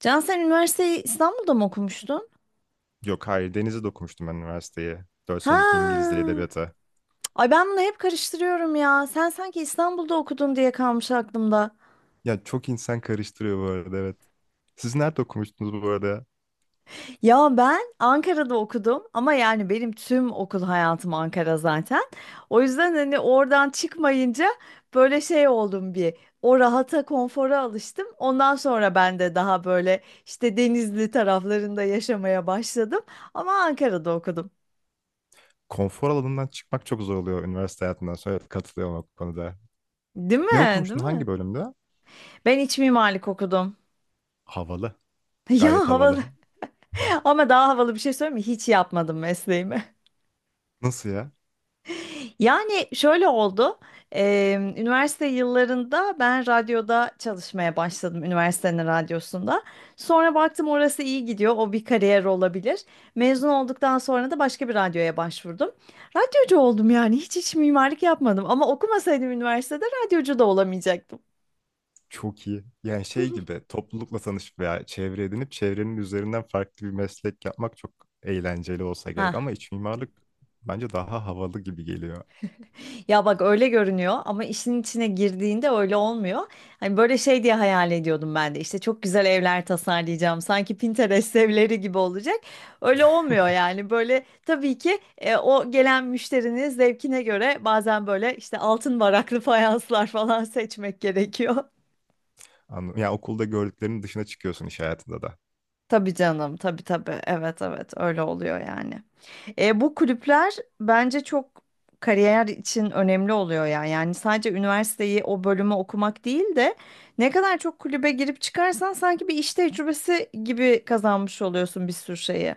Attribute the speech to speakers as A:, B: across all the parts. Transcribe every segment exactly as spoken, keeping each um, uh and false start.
A: Can sen üniversiteyi İstanbul'da mı okumuştun?
B: Yok hayır denize de okumuştum ben üniversiteye. dört senelik İngiliz Dili
A: Ha.
B: Edebiyatı.
A: Ay ben bunu hep karıştırıyorum ya. Sen sanki İstanbul'da okudun diye kalmış aklımda.
B: Ya çok insan karıştırıyor bu arada evet. Siz nerede okumuştunuz bu arada?
A: Ya ben Ankara'da okudum ama yani benim tüm okul hayatım Ankara zaten. O yüzden hani oradan çıkmayınca böyle şey oldum bir. O rahata, konfora alıştım. Ondan sonra ben de daha böyle işte Denizli taraflarında yaşamaya başladım. Ama Ankara'da okudum.
B: Konfor alanından çıkmak çok zor oluyor üniversite hayatından sonra evet, katılıyorum o konuda.
A: Değil
B: Ne
A: mi?
B: okumuştun
A: Değil
B: hangi
A: mi?
B: bölümde?
A: Ben iç mimarlık okudum.
B: Havalı. Gayet
A: Ya havalı.
B: havalı.
A: Ama daha havalı bir şey söyleyeyim mi? Hiç yapmadım mesleğimi.
B: Nasıl ya?
A: Yani şöyle oldu. Eee, üniversite yıllarında ben radyoda çalışmaya başladım. Üniversitenin radyosunda. Sonra baktım orası iyi gidiyor. O bir kariyer olabilir. Mezun olduktan sonra da başka bir radyoya başvurdum. Radyocu oldum yani. Hiç hiç mimarlık yapmadım. Ama okumasaydım üniversitede radyocu da olamayacaktım.
B: Çok iyi. Yani şey gibi toplulukla tanışıp veya çevre edinip çevrenin üzerinden farklı bir meslek yapmak çok eğlenceli olsa gerek.
A: Ha.
B: Ama iç mimarlık bence daha havalı gibi geliyor.
A: Ya bak öyle görünüyor ama işin içine girdiğinde öyle olmuyor. Hani böyle şey diye hayal ediyordum ben de işte çok güzel evler tasarlayacağım sanki Pinterest evleri gibi olacak. Öyle olmuyor yani böyle tabii ki e, o gelen müşterinin zevkine göre bazen böyle işte altın varaklı fayanslar falan seçmek gerekiyor.
B: Anladım. Yani okulda gördüklerinin dışına çıkıyorsun iş hayatında da.
A: Tabii canım, tabii tabii, evet evet, öyle oluyor yani. E, bu kulüpler bence çok kariyer için önemli oluyor ya. Yani sadece üniversiteyi o bölümü okumak değil de ne kadar çok kulübe girip çıkarsan sanki bir iş tecrübesi gibi kazanmış oluyorsun bir sürü şeyi.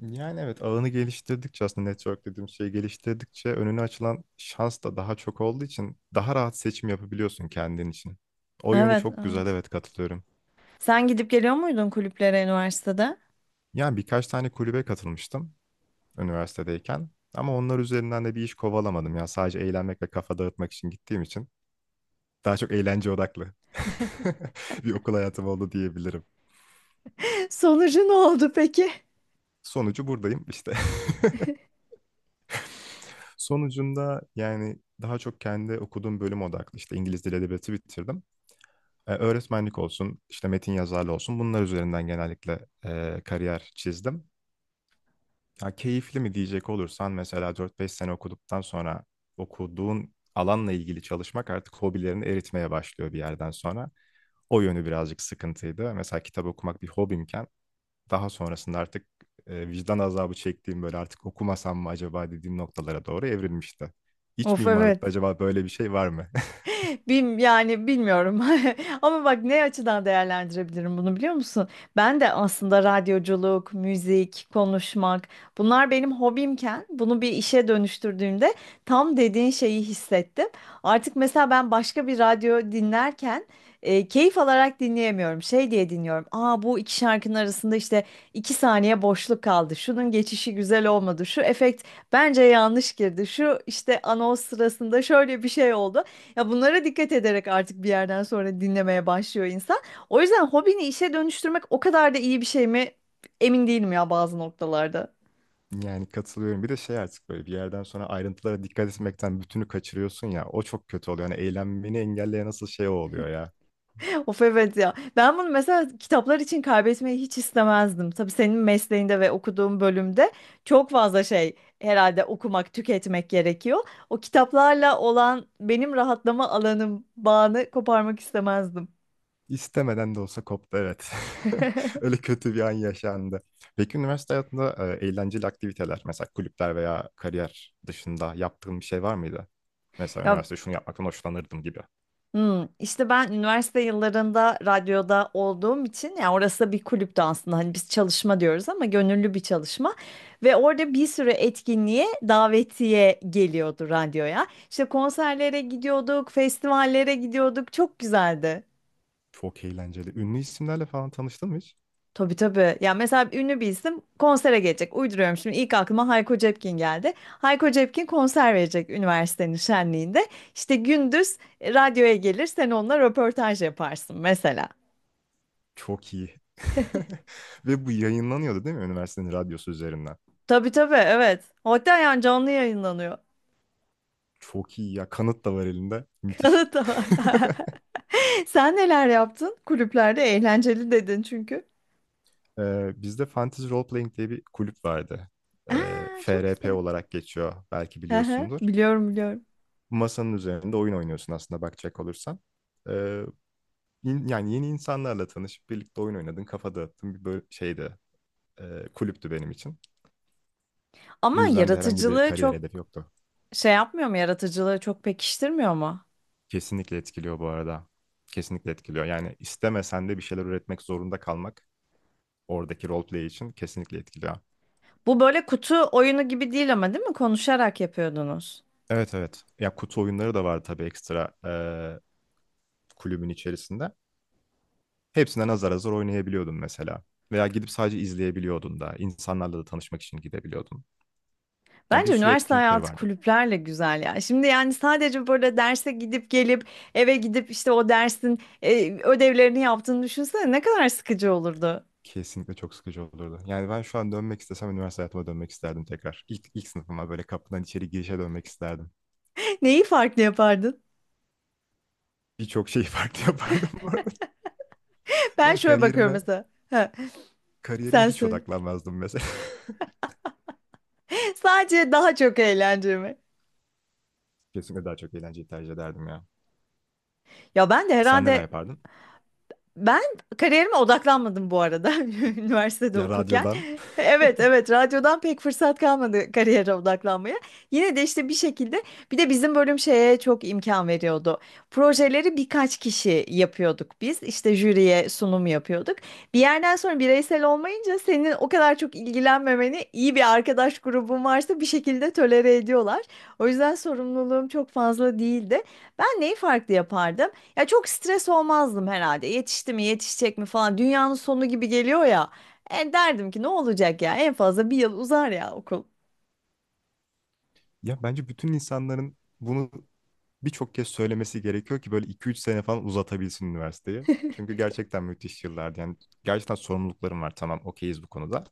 B: Yani evet ağını geliştirdikçe aslında network dediğim şeyi geliştirdikçe önüne açılan şans da daha çok olduğu için daha rahat seçim yapabiliyorsun kendin için. O yönü
A: Evet,
B: çok güzel
A: evet.
B: evet katılıyorum.
A: Sen gidip geliyor muydun kulüplere üniversitede?
B: Yani birkaç tane kulübe katılmıştım üniversitedeyken ama onlar üzerinden de bir iş kovalamadım. Yani sadece eğlenmek ve kafa dağıtmak için gittiğim için daha çok eğlence odaklı bir okul hayatım oldu diyebilirim.
A: Sonucu ne oldu peki?
B: Sonucu buradayım işte. Sonucunda yani daha çok kendi okuduğum bölüm odaklı işte İngiliz Dili Edebiyatı bitirdim. Ee, öğretmenlik olsun, işte metin yazarlığı olsun bunlar üzerinden genellikle e, kariyer çizdim. Ya keyifli mi diyecek olursan mesela dört beş sene okuduktan sonra okuduğun alanla ilgili çalışmak artık hobilerini eritmeye başlıyor bir yerden sonra. O yönü birazcık sıkıntıydı. Mesela kitap okumak bir hobimken daha sonrasında artık e, vicdan azabı çektiğim böyle artık okumasam mı acaba dediğim noktalara doğru evrilmişti. İç
A: Of evet.
B: mimarlıkta acaba böyle bir şey var mı?
A: Bim, yani bilmiyorum. Ama bak ne açıdan değerlendirebilirim bunu biliyor musun? Ben de aslında radyoculuk, müzik, konuşmak bunlar benim hobimken bunu bir işe dönüştürdüğümde tam dediğin şeyi hissettim. Artık mesela ben başka bir radyo dinlerken e, keyif alarak dinleyemiyorum. Şey diye dinliyorum. Aa, bu iki şarkının arasında işte iki saniye boşluk kaldı. Şunun geçişi güzel olmadı. Şu efekt bence yanlış girdi. Şu işte anons sırasında şöyle bir şey oldu. Ya bunlara dikkat ederek artık bir yerden sonra dinlemeye başlıyor insan. O yüzden hobini işe dönüştürmek o kadar da iyi bir şey mi? Emin değilim ya bazı noktalarda.
B: Yani katılıyorum. Bir de şey artık böyle bir yerden sonra ayrıntılara dikkat etmekten bütünü kaçırıyorsun ya. O çok kötü oluyor. Yani eğlenmeni engelleyen nasıl şey o oluyor ya.
A: Of evet ya. Ben bunu mesela kitaplar için kaybetmeyi hiç istemezdim. Tabii senin mesleğinde ve okuduğun bölümde çok fazla şey herhalde okumak, tüketmek gerekiyor. O kitaplarla olan benim rahatlama alanım, bağını koparmak istemezdim.
B: İstemeden de olsa koptu evet. Öyle kötü bir an yaşandı. Peki üniversite hayatında e, eğlenceli aktiviteler mesela kulüpler veya kariyer dışında yaptığın bir şey var mıydı? Mesela
A: Ya.
B: üniversite şunu yapmaktan hoşlanırdım gibi.
A: Hmm, işte ben üniversite yıllarında radyoda olduğum için yani orası da bir kulüptü aslında, hani biz çalışma diyoruz ama gönüllü bir çalışma ve orada bir sürü etkinliğe davetiye geliyordu radyoya. İşte konserlere gidiyorduk, festivallere gidiyorduk, çok güzeldi.
B: Çok eğlenceli. Ünlü isimlerle falan tanıştın mı hiç?
A: Tabii tabii ya, mesela ünlü bir isim konsere gelecek, uyduruyorum şimdi, ilk aklıma Hayko Cepkin geldi. Hayko Cepkin konser verecek üniversitenin şenliğinde. İşte gündüz radyoya gelir, sen onunla röportaj yaparsın mesela.
B: Çok iyi. Ve bu yayınlanıyordu değil mi üniversitenin radyosu üzerinden?
A: Tabii tabii, evet. Hatta yani canlı yayınlanıyor.
B: Çok iyi ya. Kanıt da var elinde. Müthiş.
A: Kanıt da var. Sen neler yaptın? Kulüplerde eğlenceli dedin çünkü.
B: Ee, bizde Fantasy Role Playing diye bir kulüp vardı. Ee,
A: Aa, çok
B: F R P
A: güzel.
B: olarak geçiyor. Belki
A: Aha,
B: biliyorsundur.
A: biliyorum biliyorum.
B: Masanın üzerinde oyun oynuyorsun aslında bakacak olursan. Ee, in- Yani yeni insanlarla tanışıp birlikte oyun oynadın, kafa dağıttın bir böyle şeydi. E, kulüptü benim için.
A: Ama
B: Bu yüzden de herhangi bir
A: yaratıcılığı
B: kariyer
A: çok
B: hedefi yoktu.
A: şey yapmıyor mu? Yaratıcılığı çok pekiştirmiyor mu?
B: Kesinlikle etkiliyor bu arada. Kesinlikle etkiliyor. Yani istemesen de bir şeyler üretmek zorunda kalmak oradaki roleplay için kesinlikle etkiliyor.
A: Bu böyle kutu oyunu gibi değil ama, değil mi? Konuşarak yapıyordunuz.
B: Evet, evet. Ya kutu oyunları da var tabii ekstra eee, kulübün içerisinde. Hepsinden azar azar oynayabiliyordun mesela. Veya gidip sadece izleyebiliyordun da. İnsanlarla da tanışmak için gidebiliyordun. Ya bir
A: Bence
B: sürü
A: üniversite
B: etkinlikleri
A: hayatı
B: vardı.
A: kulüplerle güzel ya. Şimdi yani sadece böyle derse gidip gelip eve gidip işte o dersin e, ödevlerini yaptığını düşünsene, ne kadar sıkıcı olurdu.
B: Kesinlikle çok sıkıcı olurdu. Yani ben şu an dönmek istesem üniversite hayatıma dönmek isterdim tekrar. İlk, ilk sınıfıma böyle kapıdan içeri girişe dönmek isterdim.
A: Neyi farklı yapardın?
B: Birçok şeyi farklı yapardım bu arada.
A: Ben
B: Yani
A: şöyle bakıyorum
B: kariyerime
A: mesela. Ha,
B: Kariyerime
A: sen
B: hiç
A: söyle.
B: odaklanmazdım mesela.
A: Sadece daha çok eğlenceli mi?
B: Kesinlikle daha çok eğlenceyi tercih ederdim ya.
A: Ya ben de
B: Sen neler
A: herhalde.
B: yapardın?
A: Ben kariyerime odaklanmadım bu arada üniversitede
B: Ya
A: okurken.
B: radyodan.
A: Evet evet, radyodan pek fırsat kalmadı kariyere odaklanmaya. Yine de işte bir şekilde bir de bizim bölüm şeye çok imkan veriyordu. Projeleri birkaç kişi yapıyorduk biz. İşte jüriye sunum yapıyorduk. Bir yerden sonra bireysel olmayınca senin o kadar çok ilgilenmemeni, iyi bir arkadaş grubun varsa, bir şekilde tolere ediyorlar. O yüzden sorumluluğum çok fazla değildi. Ben neyi farklı yapardım? Ya çok stres olmazdım herhalde. Yetişti mi, yetişecek mi falan. Dünyanın sonu gibi geliyor ya. E, derdim ki ne olacak ya? En fazla bir yıl uzar ya okul.
B: Ya bence bütün insanların bunu birçok kez söylemesi gerekiyor ki böyle iki üç sene falan uzatabilsin üniversiteyi. Çünkü gerçekten müthiş yıllardı. Yani gerçekten sorumluluklarım var. Tamam okeyiz bu konuda.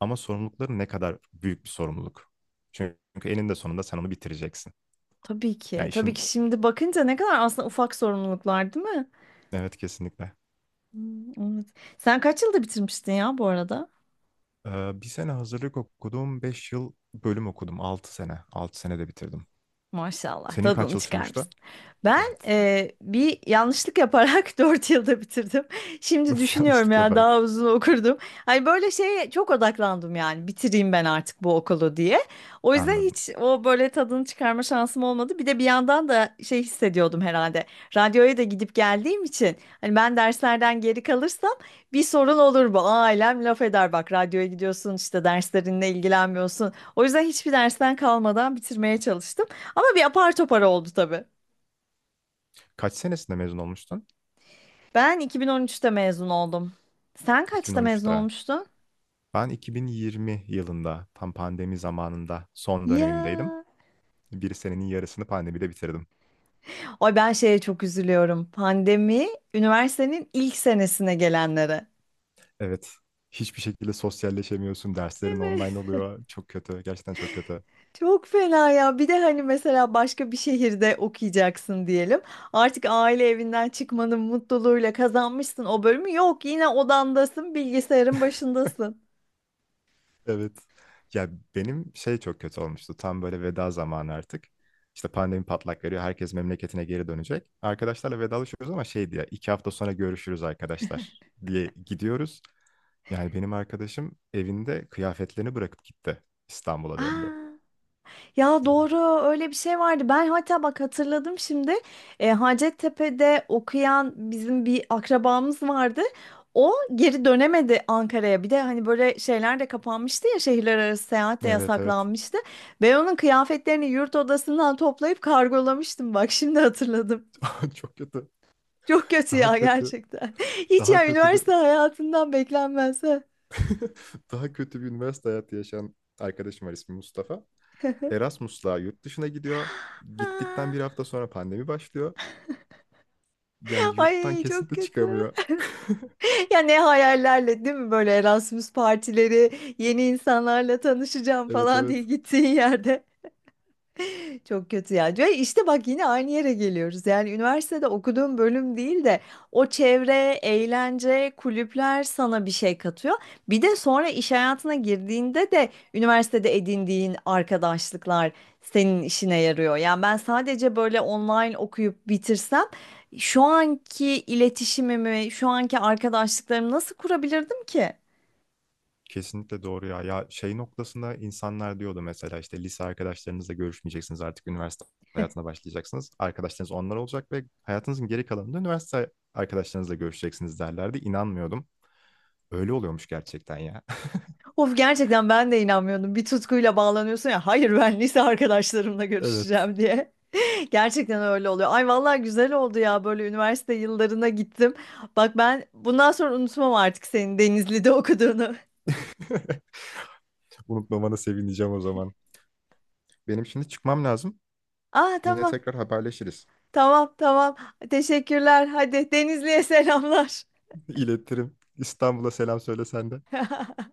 B: Ama sorumlulukların ne kadar büyük bir sorumluluk. Çünkü eninde sonunda sen onu bitireceksin.
A: Tabii ki.
B: Yani
A: Tabii
B: işin
A: ki, şimdi bakınca ne kadar aslında ufak sorumluluklar, değil mi?
B: evet kesinlikle.
A: Hmm, evet. Sen kaç yılda bitirmiştin ya bu arada?
B: Ee, bir sene hazırlık okudum. Beş yıl bölüm okudum. Altı sene. Altı sene de bitirdim.
A: Maşallah,
B: Senin kaç
A: tadını
B: yıl sürmüştü?
A: çıkarmışsın. Ben
B: Evet.
A: eee, bir yanlışlık yaparak dört yılda bitirdim. Şimdi
B: Nasıl
A: düşünüyorum
B: yanlışlık
A: ya,
B: yaparak?
A: daha uzun okurdum. Hani böyle şeye çok odaklandım yani, bitireyim ben artık bu okulu diye. O yüzden
B: Anladım.
A: hiç o böyle tadını çıkarma şansım olmadı. Bir de bir yandan da şey hissediyordum herhalde. Radyoya da gidip geldiğim için hani ben derslerden geri kalırsam bir sorun olur bu. Ailem laf eder, bak radyoya gidiyorsun işte, derslerinle ilgilenmiyorsun. O yüzden hiçbir dersten kalmadan bitirmeye çalıştım. Ama bir apar topar oldu tabii.
B: Kaç senesinde mezun olmuştun?
A: Ben iki bin on üçte mezun oldum. Sen kaçta mezun
B: iki bin on üçte.
A: olmuştun?
B: Ben iki bin yirmi yılında tam pandemi zamanında son dönemimdeydim.
A: Ya.
B: Bir senenin yarısını pandemide bitirdim.
A: Ay ben şeye çok üzülüyorum. Pandemi üniversitenin ilk senesine gelenlere.
B: Evet. Hiçbir şekilde sosyalleşemiyorsun. Derslerin
A: Evet.
B: online oluyor. Çok kötü. Gerçekten çok kötü.
A: Çok fena ya. Bir de hani mesela başka bir şehirde okuyacaksın diyelim. Artık aile evinden çıkmanın mutluluğuyla kazanmışsın o bölümü. Yok, yine odandasın, bilgisayarın başındasın.
B: Evet. Ya benim şey çok kötü olmuştu. Tam böyle veda zamanı artık. İşte pandemi patlak veriyor. Herkes memleketine geri dönecek. Arkadaşlarla vedalaşıyoruz ama şey diye iki hafta sonra görüşürüz arkadaşlar diye gidiyoruz. Yani benim arkadaşım evinde kıyafetlerini bırakıp gitti. İstanbul'a döndü.
A: Aa. Ya doğru, öyle bir şey vardı. Ben hatta bak hatırladım şimdi. E, Hacettepe'de okuyan bizim bir akrabamız vardı. O geri dönemedi Ankara'ya. Bir de hani böyle şeyler de kapanmıştı ya, şehirler arası seyahat de
B: Evet, evet.
A: yasaklanmıştı. Ben onun kıyafetlerini yurt odasından toplayıp kargolamıştım. Bak şimdi hatırladım.
B: Çok kötü.
A: Çok kötü
B: Daha
A: ya
B: kötü.
A: gerçekten. Hiç
B: Daha
A: ya,
B: kötü bir
A: üniversite hayatından beklenmez. Ha.
B: Daha kötü bir üniversite hayatı yaşayan arkadaşım var ismi Mustafa. Erasmus'la yurt dışına gidiyor. Gittikten bir hafta sonra pandemi başlıyor. Yani yurttan
A: Ay çok
B: kesinlikle
A: kötü.
B: çıkamıyor.
A: Ya ne hayallerle, değil mi, böyle Erasmus partileri, yeni insanlarla tanışacağım
B: Evet,
A: falan
B: evet.
A: diye gittiğin yerde. Çok kötü ya. Ve işte bak, yine aynı yere geliyoruz. Yani üniversitede okuduğum bölüm değil de o çevre, eğlence, kulüpler sana bir şey katıyor. Bir de sonra iş hayatına girdiğinde de üniversitede edindiğin arkadaşlıklar senin işine yarıyor. Yani ben sadece böyle online okuyup bitirsem şu anki iletişimimi, şu anki arkadaşlıklarımı nasıl kurabilirdim ki?
B: Kesinlikle doğru ya. Ya şey noktasında insanlar diyordu mesela işte lise arkadaşlarınızla görüşmeyeceksiniz artık üniversite hayatına başlayacaksınız. Arkadaşlarınız onlar olacak ve hayatınızın geri kalanında üniversite arkadaşlarınızla görüşeceksiniz derlerdi. İnanmıyordum. Öyle oluyormuş gerçekten ya.
A: Of gerçekten, ben de inanmıyordum. Bir tutkuyla bağlanıyorsun ya. Hayır, ben lise arkadaşlarımla
B: Evet.
A: görüşeceğim diye. Gerçekten öyle oluyor. Ay vallahi güzel oldu ya, böyle üniversite yıllarına gittim. Bak ben bundan sonra unutmam artık senin Denizli'de okuduğunu.
B: Unutmamana sevineceğim o zaman. Benim şimdi çıkmam lazım.
A: Aa
B: Yine
A: tamam.
B: tekrar haberleşiriz.
A: Tamam tamam. Teşekkürler. Hadi Denizli'ye selamlar.
B: İletirim. İstanbul'a selam söyle sen de.